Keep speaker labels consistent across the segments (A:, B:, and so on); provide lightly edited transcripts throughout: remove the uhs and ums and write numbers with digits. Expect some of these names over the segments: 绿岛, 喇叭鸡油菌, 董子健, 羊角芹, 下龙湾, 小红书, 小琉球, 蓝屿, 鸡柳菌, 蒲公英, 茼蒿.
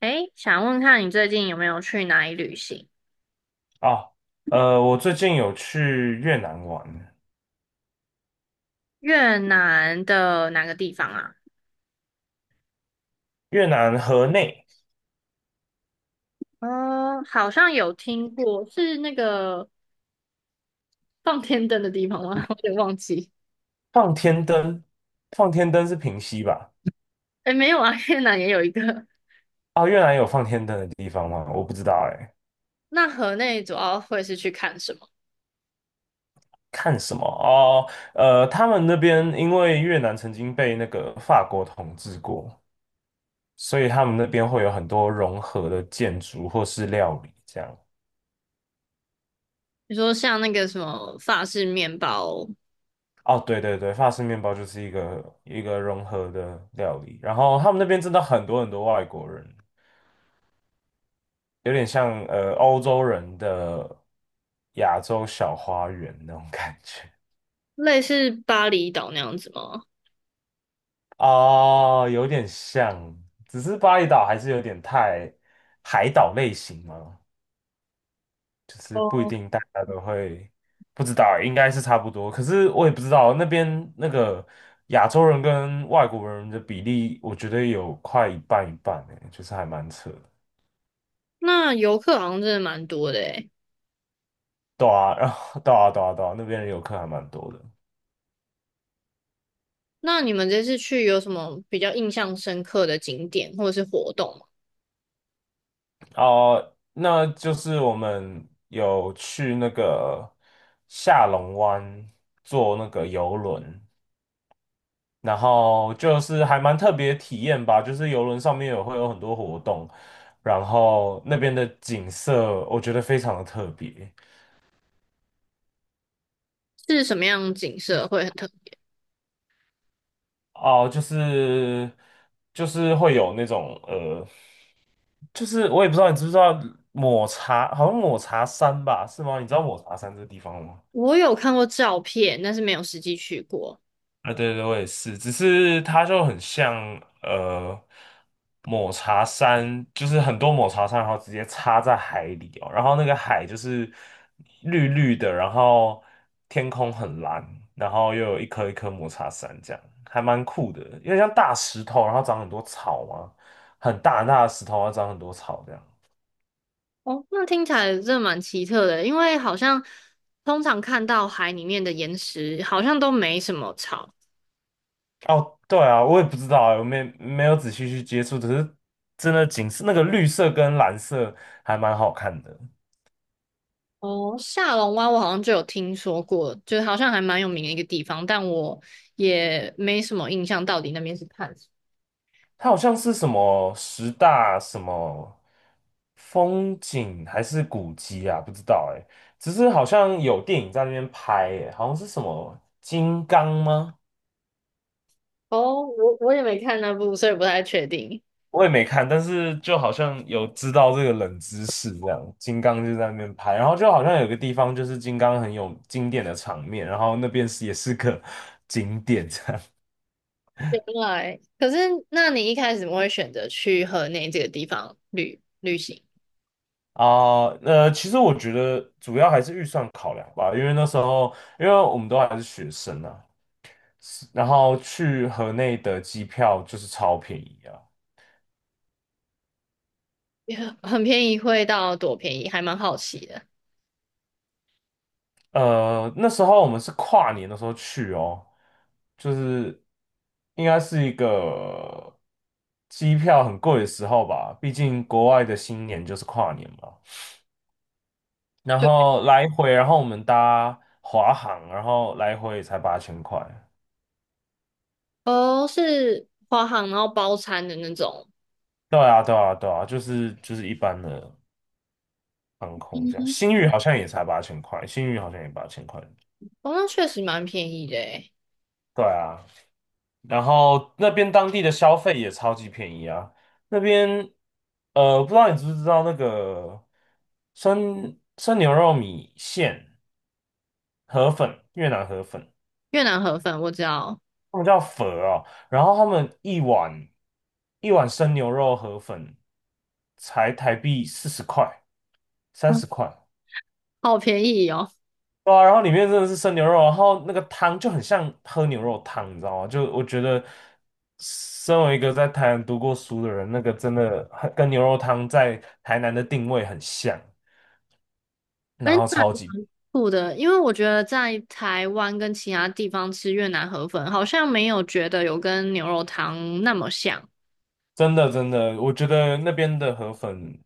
A: 诶，想问看你最近有没有去哪里旅行？
B: 哦，我最近有去越南玩，
A: 越南的哪个地方啊？
B: 越南河内。
A: 哦，好像有听过，是那个放天灯的地方吗？我有点忘记。
B: 放天灯，放天灯是平溪吧？
A: 诶，没有啊，越南也有一个。
B: 哦，越南有放天灯的地方吗？我不知道哎。
A: 那河内主要会是去看什么？
B: 看什么？哦，他们那边因为越南曾经被那个法国统治过，所以他们那边会有很多融合的建筑或是料理这样。
A: 你说像那个什么法式面包，
B: 哦，对对对，法式面包就是一个一个融合的料理，然后他们那边真的很多很多外国人。有点像欧洲人的亚洲小花园那种感觉。
A: 类似巴厘岛那样子吗？
B: 哦，有点像，只是巴厘岛还是有点太海岛类型嘛，就是不一
A: 哦，
B: 定大家都会。不知道欸，应该是差不多，可是我也不知道那边那个亚洲人跟外国人的比例，我觉得有快一半一半诶，就是还蛮扯的。
A: 那游客好像真的蛮多的诶。
B: 对啊，然后对啊，对啊，对啊，那边的游客还蛮多的。
A: 那你们这次去有什么比较印象深刻的景点或者是活动吗？
B: 哦，那就是我们有去那个下龙湾坐那个游轮，然后就是还蛮特别的体验吧，就是游轮上面有会有很多活动，然后那边的景色我觉得非常的特别。
A: 是什么样的景色会很特别？
B: 哦，就是会有那种就是我也不知道你知不知道抹茶，好像抹茶山吧，是吗？你知道抹茶山这个地方吗？
A: 我有看过照片，但是没有实际去过。
B: 啊，对对，我也是，只是它就很像呃抹茶山，就是很多抹茶山，然后直接插在海里哦。然后那个海就是绿绿的，然后天空很蓝，然后又有一颗一颗抹茶山，这样还蛮酷的，因为像大石头，然后长很多草嘛，很大很大的石头，然后长很多草这样。
A: 哦，那听起来真的蛮奇特的，因为好像通常看到海里面的岩石好像都没什么草。
B: 哦，对啊，我也不知道啊，我没有仔细去接触，只是真的景色那个绿色跟蓝色还蛮好看的。
A: 哦，下龙湾我好像就有听说过，就是好像还蛮有名的一个地方，但我也没什么印象，到底那边是看什
B: 它好像是什么十大什么风景还是古迹啊？不知道哎、只是好像有电影在那边拍哎、好像是什么金刚吗？
A: 么。哦，我也没看那部，所以不太确定。
B: 我也没看，但是就好像有知道这个冷知识这样。金刚就在那边拍，然后就好像有个地方就是金刚很有经典的场面，然后那边是也是个 景点这样。
A: 原来，可是那你一开始怎么会选择去河内这个地方旅行？
B: 啊，其实我觉得主要还是预算考量吧，因为那时候，因为我们都还是学生啊，然后去河内的机票就是超便宜啊。
A: 也很便宜，会到多便宜，还蛮好奇的。
B: 那时候我们是跨年的时候去哦，就是应该是一个机票很贵的时候吧，毕竟国外的新年就是跨年嘛。然
A: 就
B: 后来回，然后我们搭华航，然后来回也才八千块。
A: 哦，是华航然后包餐的那种，
B: 对啊，对啊，对啊，就是一般的航空
A: 嗯
B: 这样。
A: 哼，
B: 星宇好像也才八千块，星宇好像也八千块。
A: 哦，那确实蛮便宜的诶
B: 对啊，然后那边当地的消费也超级便宜啊。那边，不知道你知不知道那个生牛肉米线河粉，越南河粉，
A: 越南河粉我知道，
B: 他们叫粉啊，然后他们一碗一碗生牛肉河粉才台币40块、三
A: 嗯，
B: 十块。
A: 好便宜哦。
B: 对啊，然后里面真的是生牛肉，然后那个汤就很像喝牛肉汤，你知道吗？就我觉得，身为一个在台南读过书的人，那个真的很跟牛肉汤在台南的定位很像，
A: 哎，
B: 然后
A: 那
B: 超级
A: 苦的，因为我觉得在台湾跟其他地方吃越南河粉，好像没有觉得有跟牛肉汤那么像。
B: 真的真的，我觉得那边的河粉，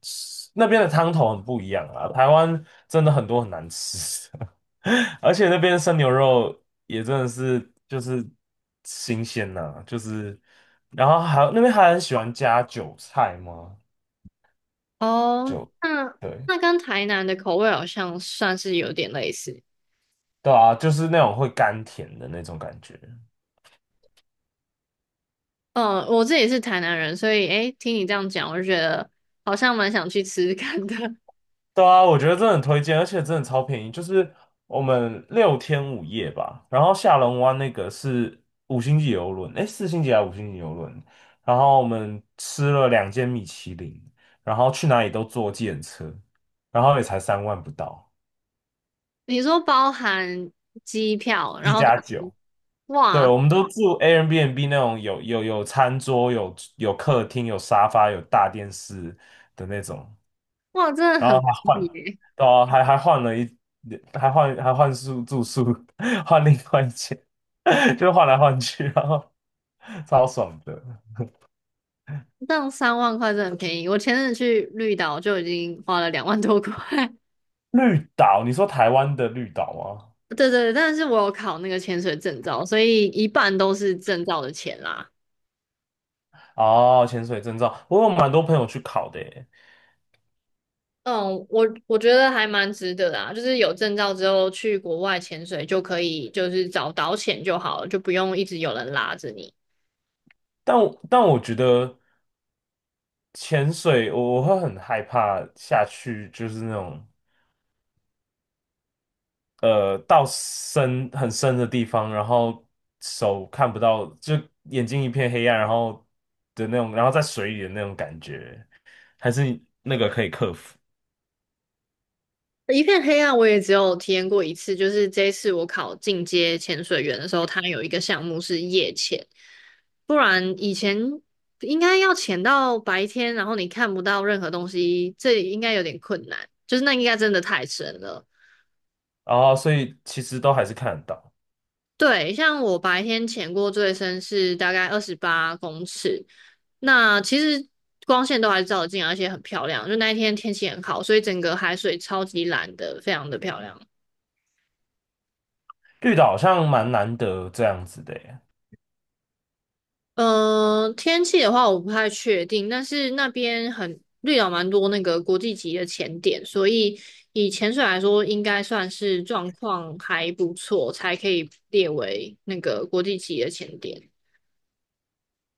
B: 那边的汤头很不一样啊。台湾真的很多很难吃，而且那边生牛肉也真的是就是新鲜呐、就是，然后还有那边还很喜欢加韭菜吗？
A: 哦，
B: 就
A: 那
B: 对
A: 那跟台南的口味好像算是有点类似。
B: 对啊，就是那种会甘甜的那种感觉。
A: 嗯，我这也是台南人，所以诶，听你这样讲，我就觉得好像蛮想去吃吃看的。
B: 对啊，我觉得真的很推荐，而且真的超便宜，就是我们6天5夜吧，然后下龙湾那个是五星级游轮，诶，4星级还是五星级游轮？然后我们吃了2间米其林，然后去哪里都坐计程车，然后也才3万不到，
A: 你说包含机票，然
B: 一
A: 后怎
B: 加
A: 么
B: 九。对，
A: 哇
B: 我们都住 Airbnb 那种有餐桌、有客厅、有沙发、有大电视的那种。
A: 哇，真的
B: 然后
A: 很
B: 还
A: 便宜
B: 换，
A: 耶，
B: 对啊，还换了一，还换宿住宿，换另外一间，就换来换去，然后超爽的。
A: 这样3万块真的很便宜。我前阵子去绿岛就已经花了2万多块。
B: 绿岛，你说台湾的绿岛吗？
A: 对对对，但是我有考那个潜水证照，所以一半都是证照的钱啦。
B: 哦，潜水证照，我有蛮多朋友去考的耶，
A: 嗯，我觉得还蛮值得的啊，就是有证照之后去国外潜水就可以，就是找导潜就好了，就不用一直有人拉着你。
B: 但我觉得潜水我会很害怕下去，就是那种。到深很深的地方，然后手看不到，就眼睛一片黑暗，然后的那种，然后在水里的那种感觉，还是那个可以克服。
A: 一片黑暗，我也只有体验过一次，就是这一次我考进阶潜水员的时候，它有一个项目是夜潜，不然以前应该要潜到白天，然后你看不到任何东西，这应该有点困难，就是那应该真的太深了。
B: 然后所以其实都还是看得到，
A: 对，像我白天潜过最深是大概28公尺，那其实光线都还照得进来而且很漂亮，就那一天天气很好，所以整个海水超级蓝的，非常的漂亮。
B: 绿岛好像蛮难得这样子的耶。
A: 嗯、天气的话我不太确定，但是那边很绿岛蛮多那个国际级的潜点，所以以潜水来说，应该算是状况还不错，才可以列为那个国际级的潜点。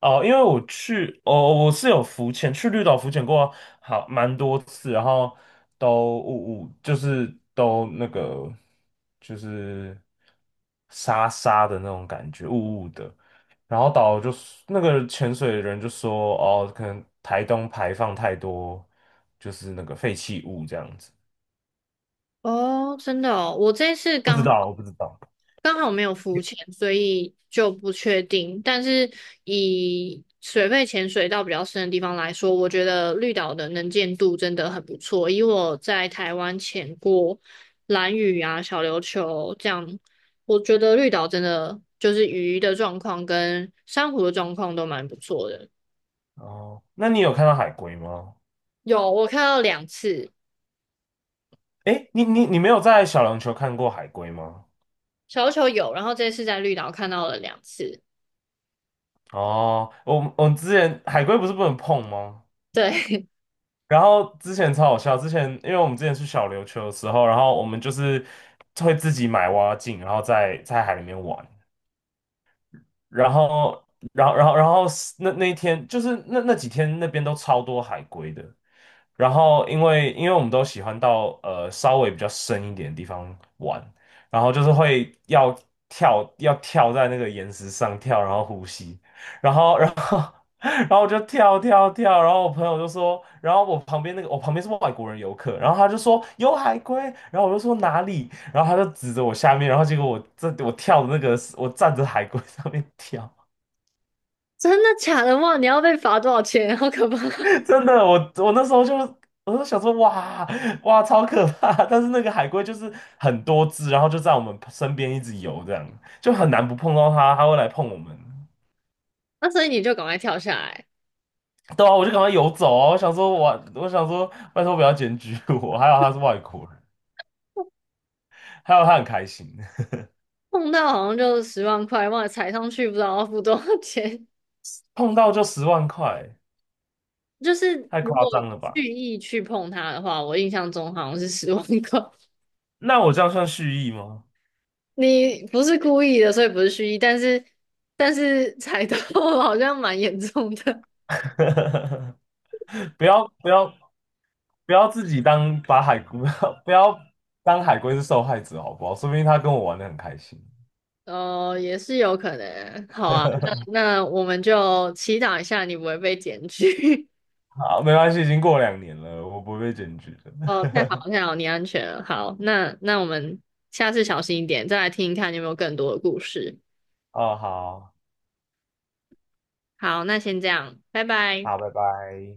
B: 哦，因为我去，哦，我是有浮潜，去绿岛浮潜过好蛮多次，然后都我就是都那个就是沙沙的那种感觉，雾雾的。然后导游就说那个潜水的人就说，哦，可能台东排放太多就是那个废弃物这样子，
A: 哦，真的哦，我这次
B: 不知
A: 刚
B: 道，我不知道。
A: 刚好没有浮潜，所以就不确定。但是以水肺潜水到比较深的地方来说，我觉得绿岛的能见度真的很不错。以我在台湾潜过蓝屿啊、小琉球这样，我觉得绿岛真的就是鱼的状况跟珊瑚的状况都蛮不错的。
B: 哦，那你有看到海龟吗？
A: 有，我看到两次，
B: 诶，你没有在小琉球看过海龟吗？
A: 小琉球有，然后这次在绿岛看到了两次。
B: 哦，我们之前海龟不是不能碰吗？
A: 对，
B: 然后之前超好笑，之前因为我们之前去小琉球的时候，然后我们就是会自己买蛙镜，然后在海里面玩，然后然后是那一天就是那几天那边都超多海龟的，然后因为我们都喜欢到稍微比较深一点的地方玩，然后就是会要跳在那个岩石上跳，然后呼吸。然后然后我就跳跳跳，然后我朋友就说，然后我旁边那个我旁边是外国人游客，然后他就说有海龟，然后我就说哪里，然后他就指着我下面，然后结果我这我跳的那个是我站着海龟 上面跳，
A: 真的假的？哇，你要被罚多少钱？好可怕！
B: 真的我那时候就想说哇哇超可怕，但是那个海龟就是很多只，然后就在我们身边一直游，这样就很难不碰到它，它会来碰我们。
A: 那所以你就赶快跳下来，
B: 对啊，我就赶快游走啊！我想说我，我想说，拜托不要检举我，还好他是外国人。还有他很开心，
A: 碰到好像就十万块，忘了踩上去不知道要付多少钱。
B: 碰到就10万块，
A: 就是
B: 太
A: 如
B: 夸
A: 果
B: 张了
A: 蓄
B: 吧？
A: 意去碰它的话，我印象中好像是十万块。
B: 那我这样算蓄意吗？
A: 你不是故意的，所以不是蓄意，但是踩到 好像蛮严重的。
B: 不要不要不要自己当把海龟，不要当海龟是受害者好不好？说不定他跟我玩的很开心。
A: 哦，也是有可能。好啊，那我们就祈祷一下你不会被检举。
B: 好，没关系，已经过2年了，我不会被检举的。
A: 哦，太好了太好了你安全了。好，那我们下次小心一点，再来听一看你有没有更多的故事。
B: 哦，好，
A: 好，那先这样，拜拜。
B: 好，拜拜。